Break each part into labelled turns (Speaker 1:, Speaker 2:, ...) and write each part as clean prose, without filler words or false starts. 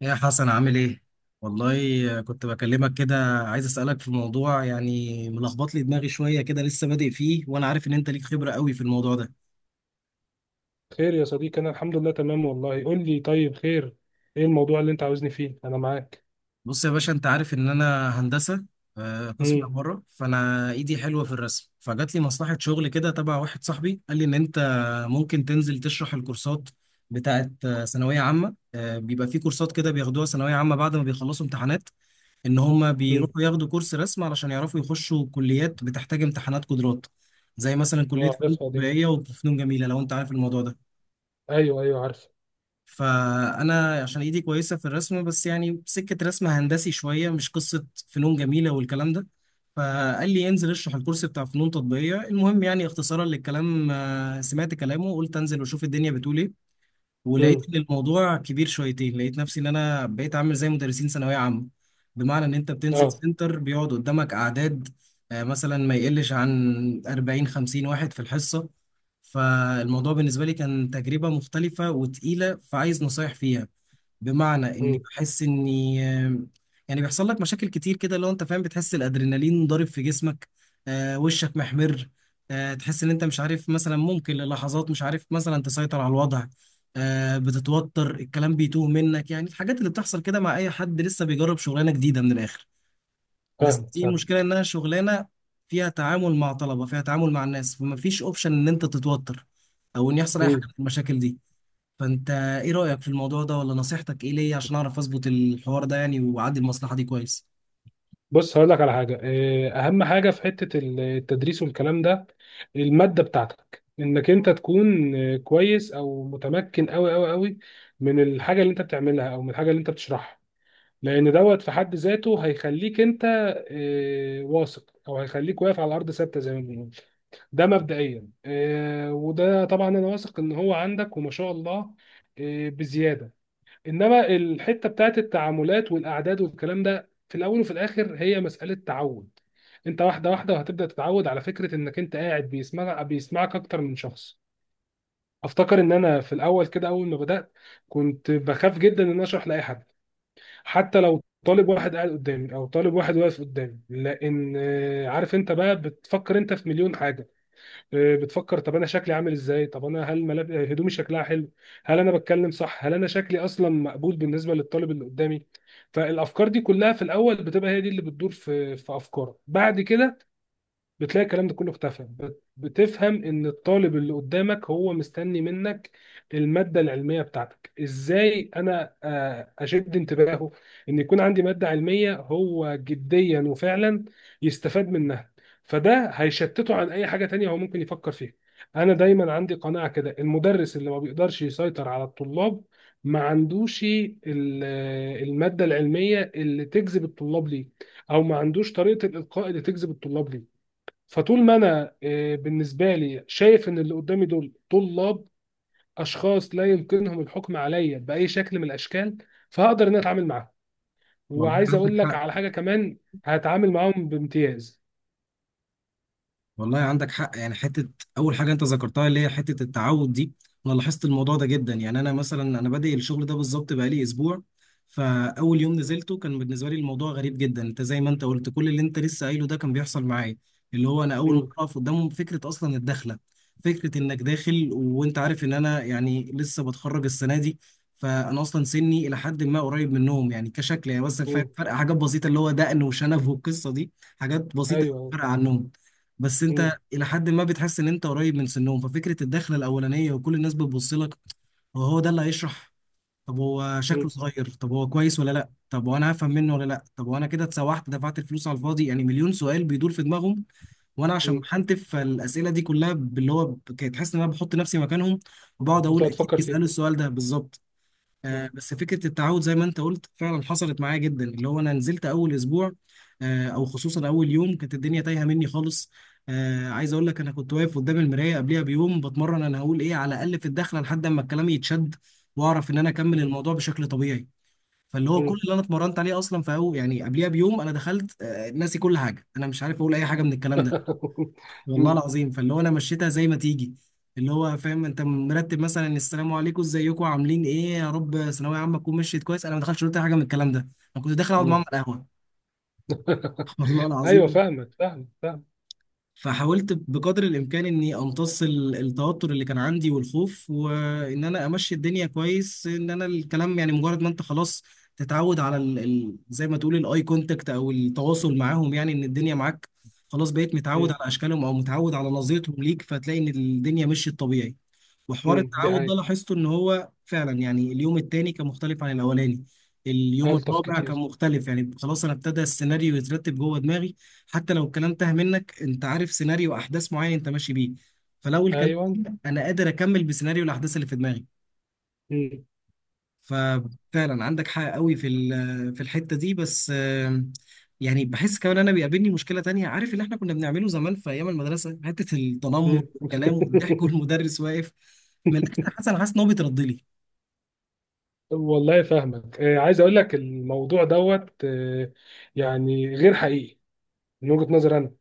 Speaker 1: يا حسن عامل ايه؟ والله كنت بكلمك كده عايز اسألك في موضوع يعني ملخبط لي دماغي شوية كده لسه بادئ فيه وانا عارف ان انت ليك خبرة قوي في الموضوع ده.
Speaker 2: خير يا صديقي، انا الحمد لله تمام والله. قول لي طيب، خير. ايه الموضوع اللي انت عاوزني فيه؟ انا معاك.
Speaker 1: بص يا باشا، انت عارف ان انا هندسة، قسم
Speaker 2: امم.
Speaker 1: عمارة، فانا ايدي حلوة في الرسم، فجات لي مصلحة شغل كده تبع واحد صاحبي، قال لي ان انت ممكن تنزل تشرح الكورسات بتاعت ثانوية عامة. بيبقى في كورسات كده بياخدوها ثانوية عامة بعد ما بيخلصوا امتحانات، ان هم
Speaker 2: امم.
Speaker 1: بيروحوا ياخدوا كورس رسم علشان يعرفوا يخشوا كليات بتحتاج امتحانات قدرات، زي مثلا كلية
Speaker 2: اه،
Speaker 1: فنون
Speaker 2: عارفها دي.
Speaker 1: تطبيقية وفنون جميلة، لو انت عارف الموضوع ده.
Speaker 2: ايوه ايوه عارف.
Speaker 1: فانا عشان ايدي كويسة في الرسم، بس يعني سكة رسم هندسي شوية، مش قصة فنون جميلة والكلام ده. فقال لي انزل اشرح الكورس بتاع فنون تطبيقية. المهم، يعني اختصارا للكلام، سمعت كلامه وقلت انزل واشوف الدنيا بتقول ايه.
Speaker 2: امم.
Speaker 1: ولقيت ان الموضوع كبير شويتين، لقيت نفسي ان انا بقيت عامل زي مدرسين ثانويه عامه، بمعنى ان انت بتنزل
Speaker 2: اه.
Speaker 1: سنتر بيقعد قدامك اعداد، مثلا ما يقلش عن 40 50 واحد في الحصه. فالموضوع بالنسبه لي كان تجربه مختلفه وتقيله، فعايز نصايح فيها. بمعنى اني
Speaker 2: امم.
Speaker 1: بحس اني يعني بيحصل لك مشاكل كتير كده، لو انت فاهم، بتحس الادرينالين ضارب في جسمك، آه، وشك محمر، آه، تحس ان انت مش عارف مثلا، ممكن للحظات مش عارف مثلا تسيطر على الوضع، آه، بتتوتر، الكلام بيتوه منك، يعني الحاجات اللي بتحصل كده مع اي حد لسه بيجرب شغلانة جديدة. من الاخر، بس
Speaker 2: فاهم
Speaker 1: دي
Speaker 2: فاهم.
Speaker 1: مشكلة، انها شغلانة فيها تعامل مع طلبة، فيها تعامل مع الناس، فما فيش اوبشن ان انت تتوتر او ان يحصل اي حاجة من
Speaker 2: امم.
Speaker 1: المشاكل دي. فانت ايه رأيك في الموضوع ده، ولا نصيحتك ايه ليا عشان اعرف اظبط الحوار ده يعني واعدي المصلحة دي كويس.
Speaker 2: بص هقول لك على حاجه. اهم حاجه في حته التدريس والكلام ده الماده بتاعتك، انك انت تكون كويس او متمكن قوي قوي قوي من الحاجه اللي انت بتعملها او من الحاجه اللي انت بتشرحها، لان دوت في حد ذاته هيخليك انت واثق، او هيخليك واقف على ارض ثابته زي ما بنقول. ده مبدئيا، وده طبعا انا واثق ان هو عندك وما شاء الله، بزياده. انما الحته بتاعت التعاملات والاعداد والكلام ده، في الاول وفي الاخر هي مساله تعود. انت واحده واحده وهتبدا تتعود على فكره انك انت قاعد بيسمعك اكتر من شخص. افتكر ان انا في الاول كده اول ما بدات كنت بخاف جدا ان أنا اشرح لاي حد، حتى لو طالب واحد قاعد قدامي او طالب واحد واقف قدامي، لان عارف انت بقى بتفكر انت في مليون حاجه. بتفكر طب انا شكلي عامل ازاي؟ طب انا هل ملاب... آه، هدومي شكلها حلو؟ هل انا بتكلم صح؟ هل انا شكلي اصلا مقبول بالنسبه للطالب اللي قدامي؟ فالافكار دي كلها في الاول بتبقى هي دي اللي بتدور في افكارك. بعد كده بتلاقي الكلام ده كله اختفى، بتفهم ان الطالب اللي قدامك هو مستني منك المادة العلمية بتاعتك. ازاي انا اشد انتباهه، ان يكون عندي مادة علمية هو جديا وفعلا يستفاد منها؟ فده هيشتته عن اي حاجة تانية هو ممكن يفكر فيها. انا دايما عندي قناعة كده، المدرس اللي ما بيقدرش يسيطر على الطلاب ما عندوش المادة العلمية اللي تجذب الطلاب ليه، او ما عندوش طريقة الالقاء اللي تجذب الطلاب ليه. فطول ما انا بالنسبه لي شايف ان اللي قدامي دول طلاب، اشخاص لا يمكنهم الحكم عليا باي شكل من الاشكال، فهقدر ان أنا اتعامل معاهم.
Speaker 1: والله
Speaker 2: وعايز
Speaker 1: عندك
Speaker 2: اقول لك
Speaker 1: حق.
Speaker 2: على حاجه كمان، هتعامل معاهم بامتياز.
Speaker 1: والله عندك حق. يعني حته، اول حاجه انت ذكرتها اللي هي حته التعود دي، انا لاحظت الموضوع ده جدا. يعني انا مثلا، انا بادئ الشغل ده بالظبط بقالي اسبوع. فاول يوم نزلته كان بالنسبه لي الموضوع غريب جدا. انت زي ما انت قلت، كل اللي انت لسه قايله ده كان بيحصل معايا، اللي هو انا اول مره
Speaker 2: مم.
Speaker 1: اقف قدامهم. فكره اصلا الدخله، فكره انك داخل، وانت عارف ان انا يعني لسه بتخرج السنه دي، فانا اصلا سني الى حد ما قريب منهم، يعني كشكل يعني، بس الفرق
Speaker 2: مم.
Speaker 1: فرق حاجات بسيطه، اللي هو دقن وشنب والقصه دي، حاجات بسيطه
Speaker 2: ايوه.
Speaker 1: فرق عنهم. بس
Speaker 2: مم.
Speaker 1: انت الى حد ما بتحس ان انت قريب من سنهم، ففكره الدخله الاولانيه وكل الناس بتبص لك، هو هو ده اللي هيشرح، طب هو شكله
Speaker 2: مم.
Speaker 1: صغير، طب هو كويس ولا لا، طب وانا هفهم منه ولا لا، طب وانا كده اتسوحت دفعت الفلوس على الفاضي، يعني مليون سؤال بيدور في دماغهم. وانا عشان
Speaker 2: مم.
Speaker 1: بحنتف فالاسئله دي كلها، باللي هو كنت تحس ان انا بحط نفسي مكانهم، وبقعد
Speaker 2: انت
Speaker 1: اقول اكيد
Speaker 2: هتفكر فيه.
Speaker 1: بيسالوا السؤال ده بالظبط.
Speaker 2: مم.
Speaker 1: بس فكرة التعود زي ما انت قلت فعلا حصلت معايا جدا، اللي هو انا نزلت اول اسبوع، او خصوصا اول يوم كانت الدنيا تايهة مني خالص. عايز اقول لك، انا كنت واقف قدام المراية قبلها بيوم بتمرن، انا هقول ايه على الاقل في الدخلة لحد اما الكلام يتشد واعرف ان انا اكمل
Speaker 2: مم.
Speaker 1: الموضوع بشكل طبيعي. فاللي هو كل
Speaker 2: مم.
Speaker 1: اللي انا اتمرنت عليه اصلا في أول، يعني قبلها بيوم، انا دخلت ناسي كل حاجة، انا مش عارف اقول اي حاجة من الكلام ده. والله
Speaker 2: مم.
Speaker 1: العظيم. فاللي هو انا مشيتها زي ما تيجي، اللي هو فاهم، انت مرتب مثلا السلام عليكم، ازيكم، عاملين ايه، يا رب ثانويه عامه تكون مشيت كويس. انا ما دخلتش قلت حاجه من الكلام ده، انا كنت داخل اقعد معاهم
Speaker 2: مم.
Speaker 1: على القهوه. والله
Speaker 2: ايوه
Speaker 1: العظيم.
Speaker 2: فاهمك فاهم فاهم.
Speaker 1: فحاولت بقدر الامكان اني امتص التوتر اللي كان عندي والخوف، وان انا امشي الدنيا كويس، ان انا الكلام يعني مجرد ما انت خلاص تتعود على ال زي ما تقول الاي كونتاكت او التواصل معاهم، يعني ان الدنيا معاك، خلاص بقيت متعود
Speaker 2: مم.
Speaker 1: على اشكالهم او متعود على نظرتهم ليك، فتلاقي ان الدنيا مشيت طبيعي. وحوار
Speaker 2: مم. دي
Speaker 1: التعود ده
Speaker 2: حقيقة.
Speaker 1: لاحظته ان هو فعلا، يعني اليوم التاني كان مختلف عن الاولاني، اليوم
Speaker 2: الطف
Speaker 1: الرابع كان
Speaker 2: كتير.
Speaker 1: مختلف، يعني خلاص انا ابتدى السيناريو يترتب جوه دماغي. حتى لو الكلام تاه منك، انت عارف سيناريو احداث معين انت ماشي بيه، فلو الكلام
Speaker 2: ايوه.
Speaker 1: تاه، انا قادر اكمل بسيناريو الاحداث اللي في دماغي.
Speaker 2: مم.
Speaker 1: ففعلا عندك حق قوي في في الحته دي. بس يعني بحس كمان انا بيقابلني مشكله تانية، عارف اللي احنا كنا بنعمله زمان في ايام المدرسه، حته التنمر
Speaker 2: مم.
Speaker 1: والكلام والضحك والمدرس واقف. من الاخر، حسن حاسس ان هو بيترد لي.
Speaker 2: والله فاهمك. عايز اقول لك الموضوع دوت، يعني غير حقيقي من وجهة نظر انا.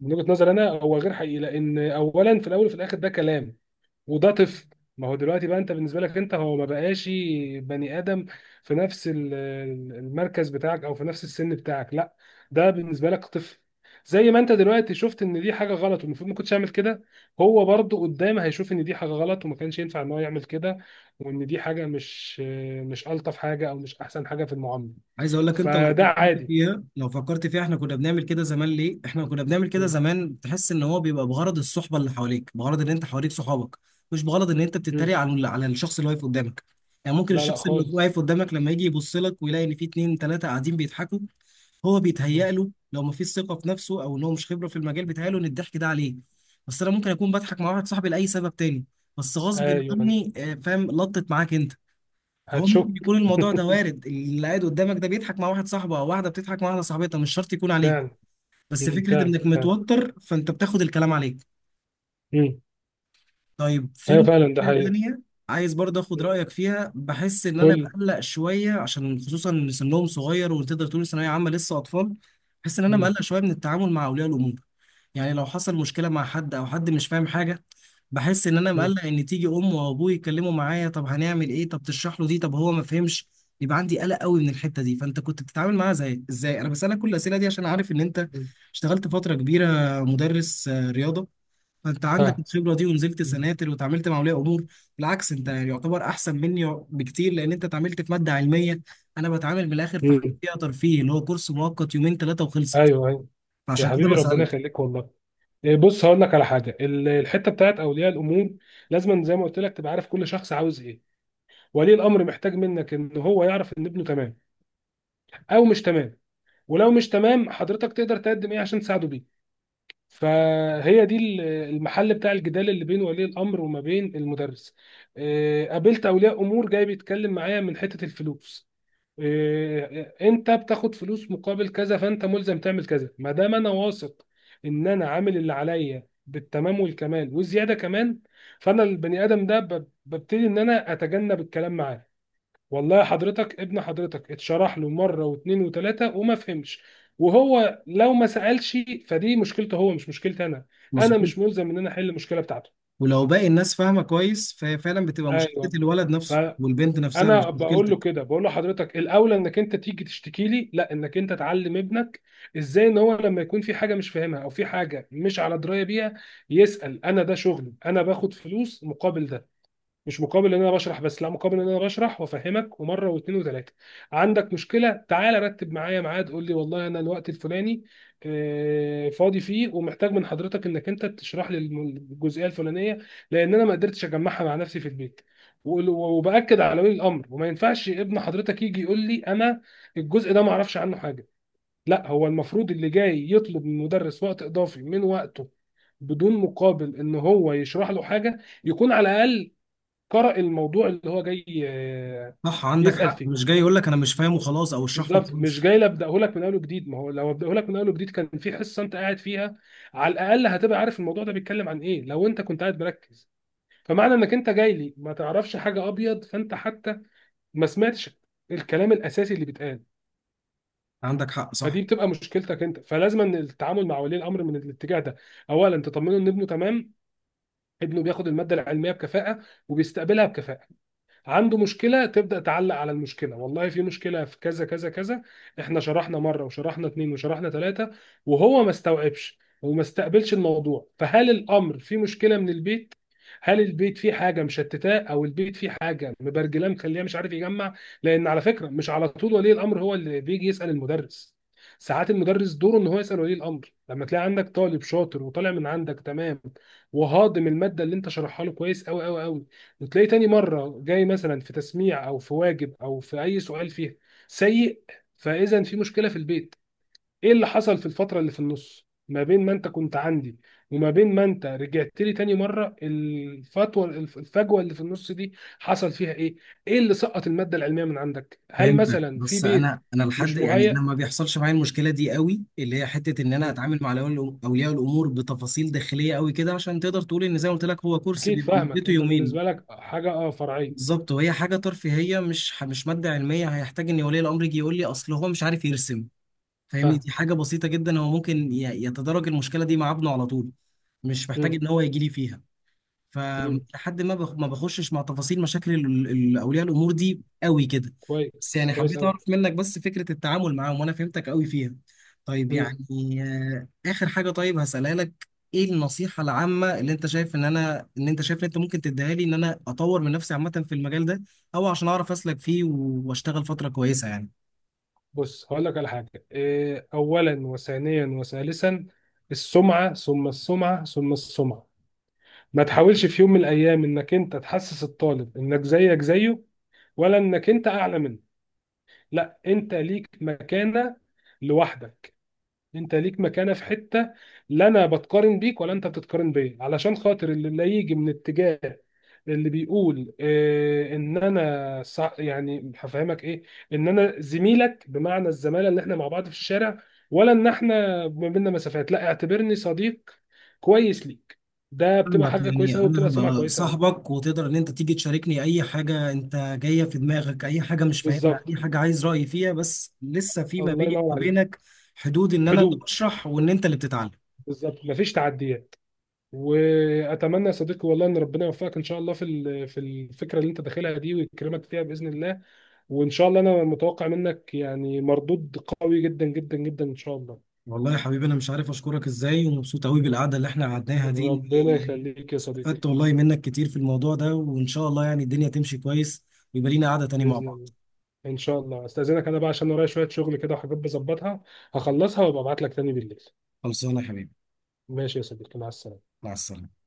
Speaker 2: من وجهة نظر انا هو غير حقيقي، لان اولا في الاول وفي الاخر ده كلام، وده طفل. ما هو دلوقتي بقى انت بالنسبه لك، انت هو ما بقاش بني ادم في نفس ال- المركز بتاعك او في نفس السن بتاعك. لا، ده بالنسبه لك طفل. زي ما انت دلوقتي شفت ان دي حاجه غلط والمفروض ما كنتش اعمل كده، هو برضه قدام هيشوف ان دي حاجه غلط وما كانش ينفع ان هو يعمل كده، وان دي حاجه مش الطف حاجه، او مش احسن حاجه في المعامله.
Speaker 1: عايز اقول لك، انت لو
Speaker 2: فده
Speaker 1: فكرت
Speaker 2: عادي.
Speaker 1: فيها، احنا كنا بنعمل كده زمان ليه، احنا كنا بنعمل كده
Speaker 2: م.
Speaker 1: زمان تحس ان هو بيبقى بغرض الصحبه اللي حواليك، بغرض ان انت حواليك صحابك، مش بغرض ان انت
Speaker 2: م.
Speaker 1: بتتريق على الشخص اللي واقف قدامك. يعني ممكن
Speaker 2: لا لا
Speaker 1: الشخص اللي
Speaker 2: خالص.
Speaker 1: واقف قدامك لما يجي يبص لك ويلاقي ان في اتنين تلاته قاعدين بيضحكوا، هو
Speaker 2: م.
Speaker 1: بيتهيأ له، لو ما فيش ثقه في نفسه او ان هو مش خبره في المجال، بيتهيأ له ان الضحك ده عليه. بس انا ممكن اكون بضحك مع واحد صاحبي لاي سبب تاني، بس غصب
Speaker 2: ايوه.
Speaker 1: عني فاهم، لطت معاك انت. فهو ممكن
Speaker 2: هتشك.
Speaker 1: يكون الموضوع ده وارد، اللي قاعد قدامك ده بيضحك مع واحد صاحبه، او واحده بتضحك مع واحده صاحبتها، مش شرط يكون عليك،
Speaker 2: فعلا.
Speaker 1: بس
Speaker 2: م.
Speaker 1: فكره انك
Speaker 2: فعلا.
Speaker 1: متوتر فانت بتاخد الكلام عليك.
Speaker 2: فعلا.
Speaker 1: طيب، في
Speaker 2: ايوه فعلا ده
Speaker 1: مشكلة
Speaker 2: حقيقي.
Speaker 1: تانية عايز برضه اخد رأيك فيها. بحس ان انا
Speaker 2: قول.
Speaker 1: مقلق شوية، عشان خصوصا ان سنهم صغير وتقدر تقول ثانوية عامة لسه اطفال. بحس ان انا
Speaker 2: مم.
Speaker 1: مقلق شوية من التعامل مع اولياء الامور، يعني لو حصل مشكلة مع حد او حد مش فاهم حاجة، بحس ان انا
Speaker 2: مم.
Speaker 1: مقلق ان تيجي ام وابوي يتكلموا معايا، طب هنعمل ايه، طب تشرح له دي، طب هو ما فهمش. يبقى عندي قلق قوي من الحتة دي. فانت كنت بتتعامل معاها زي ازاي؟ انا بسألك كل الأسئلة دي عشان عارف ان انت
Speaker 2: مم.
Speaker 1: اشتغلت فترة كبيرة مدرس رياضة، فانت عندك
Speaker 2: فاهم.
Speaker 1: الخبره دي ونزلت
Speaker 2: مم.
Speaker 1: سناتر وتعاملت مع اولياء امور. بالعكس، انت يعني يعتبر احسن مني بكتير، لان انت اتعاملت في ماده علميه، انا بتعامل من الاخر في حاجه
Speaker 2: مم.
Speaker 1: فيها ترفيه، اللي هو كورس مؤقت يومين ثلاثه وخلصت.
Speaker 2: ايوه ايوه. يا
Speaker 1: فعشان كده
Speaker 2: حبيبي ربنا
Speaker 1: بسالك.
Speaker 2: يخليك والله. بص هقول لك على حاجه. الحته بتاعت اولياء الامور لازم زي ما قلت لك تبقى عارف كل شخص عاوز ايه. ولي الامر محتاج منك ان هو يعرف ان ابنه تمام او مش تمام، ولو مش تمام حضرتك تقدر تقدم ايه عشان تساعده بيه. فهي دي المحل بتاع الجدال اللي بين ولي الامر وما بين المدرس. قابلت اولياء امور جاي بيتكلم معايا من حته الفلوس، انت بتاخد فلوس مقابل كذا فانت ملزم تعمل كذا. ما دام انا واثق ان انا عامل اللي عليا بالتمام والكمال والزياده كمان، فانا البني ادم ده ببتدي ان انا اتجنب الكلام معاه. والله حضرتك، ابن حضرتك اتشرح له مره واثنين وثلاثه وما فهمش، وهو لو ما سالش فدي مشكلته هو، مش مشكلتي انا. انا
Speaker 1: مظبوط.
Speaker 2: مش ملزم ان انا احل المشكله بتاعته.
Speaker 1: ولو باقي الناس فاهمه كويس، فهي فعلا بتبقى مشكله
Speaker 2: ايوه.
Speaker 1: الولد
Speaker 2: ف-
Speaker 1: نفسه والبنت نفسها، مش
Speaker 2: انا بقول له
Speaker 1: مشكلتك.
Speaker 2: كده، بقول له حضرتك الاولى انك انت تيجي تشتكي لي لا انك انت تعلم ابنك ازاي، ان هو لما يكون في حاجه مش فاهمها او في حاجه مش على درايه بيها يسال. انا ده شغلي، انا باخد فلوس مقابل ده، مش مقابل ان انا بشرح بس لا، مقابل ان انا بشرح وافهمك ومره واثنين وثلاثه. عندك مشكله؟ تعالى رتب معايا ميعاد، قول لي والله انا الوقت الفلاني فاضي فيه ومحتاج من حضرتك انك انت تشرح لي الجزئيه الفلانيه لان انا ما قدرتش اجمعها مع نفسي في البيت. وباكد على ولي الامر، وما ينفعش ابن حضرتك يجي يقول لي انا الجزء ده ما اعرفش عنه حاجه. لا، هو المفروض اللي جاي يطلب من المدرس وقت اضافي من وقته بدون مقابل، ان هو يشرح له حاجه يكون على الاقل قرأ الموضوع اللي هو جاي
Speaker 1: صح، عندك
Speaker 2: يسأل
Speaker 1: حق، مش
Speaker 2: فيه.
Speaker 1: جاي يقول لك انا مش فاهم وخلاص، او اشرح لي
Speaker 2: بالظبط، مش
Speaker 1: وخلاص.
Speaker 2: جاي ابداه لك من اول جديد. ما هو لو ابداه لك من اول جديد، كان في حصه انت قاعد فيها على الاقل هتبقى عارف الموضوع ده بيتكلم عن ايه لو انت كنت قاعد مركز. فمعنى انك انت جاي لي ما تعرفش حاجه ابيض، فانت حتى ما سمعتش الكلام الاساسي اللي بيتقال،
Speaker 1: عندك حق، صح.
Speaker 2: فدي بتبقى مشكلتك انت. فلازم ان التعامل مع ولي الامر من الاتجاه ده، اولا تطمنه ان ابنه تمام، ابنه بياخد الماده العلميه بكفاءه وبيستقبلها بكفاءه. عنده مشكلة، تبدأ تعلق على المشكلة، والله في مشكلة في كذا كذا كذا، احنا شرحنا مرة وشرحنا اتنين وشرحنا تلاتة وهو ما استوعبش وما استقبلش الموضوع. فهل الأمر في مشكلة من البيت؟ هل البيت فيه حاجة مشتتاه، أو البيت فيه حاجة مبرجلاه مخليه مش عارف يجمع؟ لأن على فكرة مش على طول ولي الأمر هو اللي بيجي يسأل المدرس، ساعات المدرس دوره ان هو يسأل ولي الأمر. لما تلاقي عندك طالب شاطر وطالع من عندك تمام، وهاضم المادة اللي انت شرحها له كويس قوي قوي قوي، وتلاقيه تاني مرة جاي مثلا في تسميع أو في واجب أو في أي سؤال فيها سيء، فإذا في مشكلة في البيت. إيه اللي حصل في الفترة اللي في النص ما بين ما أنت كنت عندي وما بين ما أنت رجعت لي تاني مرة؟ الفجوة اللي في النص دي حصل فيها إيه؟ إيه اللي سقط المادة العلمية من عندك؟ هل
Speaker 1: فهمتك.
Speaker 2: مثلا في
Speaker 1: بس
Speaker 2: بيت
Speaker 1: انا لحد،
Speaker 2: مش
Speaker 1: يعني انا
Speaker 2: مهيأ؟
Speaker 1: ما بيحصلش معايا المشكله دي قوي، اللي هي حته ان انا
Speaker 2: مم.
Speaker 1: اتعامل مع أولياء الامور بتفاصيل داخليه قوي كده، عشان تقدر تقول ان زي ما قلت لك هو كورس
Speaker 2: أكيد
Speaker 1: بيبقى
Speaker 2: فاهمك،
Speaker 1: مدته
Speaker 2: أنت بالنسبة
Speaker 1: يومين.
Speaker 2: لك حاجة فرعية.
Speaker 1: بالظبط، وهي حاجه ترفيهيه، مش مش ماده علميه هيحتاج ان ولي الامر يجي يقول لي اصل هو مش عارف يرسم. فاهمني،
Speaker 2: فاهم.
Speaker 1: دي حاجه بسيطه جدا، هو ممكن يتدرج المشكله دي مع ابنه على طول، مش محتاج
Speaker 2: مم.
Speaker 1: ان هو يجي لي فيها.
Speaker 2: مم.
Speaker 1: فلحد ما ما بخشش مع تفاصيل مشاكل اولياء الامور دي قوي كده. بس
Speaker 2: كويس
Speaker 1: يعني
Speaker 2: كويس
Speaker 1: حبيت
Speaker 2: أوي.
Speaker 1: اعرف منك بس فكرة التعامل معاهم، وانا فهمتك قوي فيها. طيب يعني آه، اخر حاجة طيب هسألها لك: ايه النصيحة العامة اللي انت شايف ان انا، ان انت ممكن تديها لي، ان انا اطور من نفسي عامة في المجال ده، او عشان اعرف اسلك فيه واشتغل فترة كويسة يعني.
Speaker 2: بص هقول لك على حاجة. أولا وثانيا وثالثا، السمعة ثم السمعة ثم السمعة. ما تحاولش في يوم من الأيام إنك أنت تحسس الطالب إنك زيك زيه، ولا إنك أنت أعلى منه. لا، أنت ليك مكانة لوحدك. أنت ليك مكانة في حتة لا أنا بتقارن بيك ولا أنت بتتقارن بيا، علشان خاطر اللي لا يجي من اتجاه اللي بيقول ان انا يعني هفهمك ايه، ان انا زميلك بمعنى الزماله اللي احنا مع بعض في الشارع، ولا ان احنا ما بيننا مسافات؟ لا، اعتبرني صديق كويس ليك، ده بتبقى
Speaker 1: فاهمك،
Speaker 2: حاجه
Speaker 1: يعني
Speaker 2: كويسه قوي،
Speaker 1: انا
Speaker 2: بتبقى سمعه
Speaker 1: هبقى
Speaker 2: كويسه قوي.
Speaker 1: صاحبك، وتقدر ان انت تيجي تشاركني اي حاجه انت جايه في دماغك، اي حاجه مش فاهمها،
Speaker 2: بالظبط.
Speaker 1: اي حاجه عايز رايي فيها، بس لسه في ما
Speaker 2: الله
Speaker 1: بيني
Speaker 2: ينور
Speaker 1: وما
Speaker 2: عليك.
Speaker 1: بينك حدود، ان انا اللي
Speaker 2: حدود.
Speaker 1: بشرح وان انت اللي بتتعلم.
Speaker 2: بالظبط، مفيش تعديات. واتمنى يا صديقي والله ان ربنا يوفقك ان شاء الله في الفكره اللي انت داخلها دي، ويكرمك فيها باذن الله. وان شاء الله انا متوقع منك يعني مردود قوي جدا جدا جدا ان شاء الله.
Speaker 1: والله يا حبيبي، انا مش عارف اشكرك ازاي، ومبسوط قوي بالقعده اللي احنا قعدناها دي.
Speaker 2: ربنا
Speaker 1: إني
Speaker 2: يخليك يا صديقي.
Speaker 1: استفدت والله منك كتير في الموضوع ده، وان شاء الله يعني الدنيا تمشي كويس ويبقى لينا قعده تاني مع
Speaker 2: بإذن
Speaker 1: بعض.
Speaker 2: الله. إن شاء الله. أستأذنك أنا بقى عشان ورايا شوية شغل كده وحاجات بظبطها، هخلصها وأبقى أبعت لك تاني بالليل.
Speaker 1: خلصانه يا حبيبي،
Speaker 2: ماشي يا صديقي، مع السلامة.
Speaker 1: مع السلامه.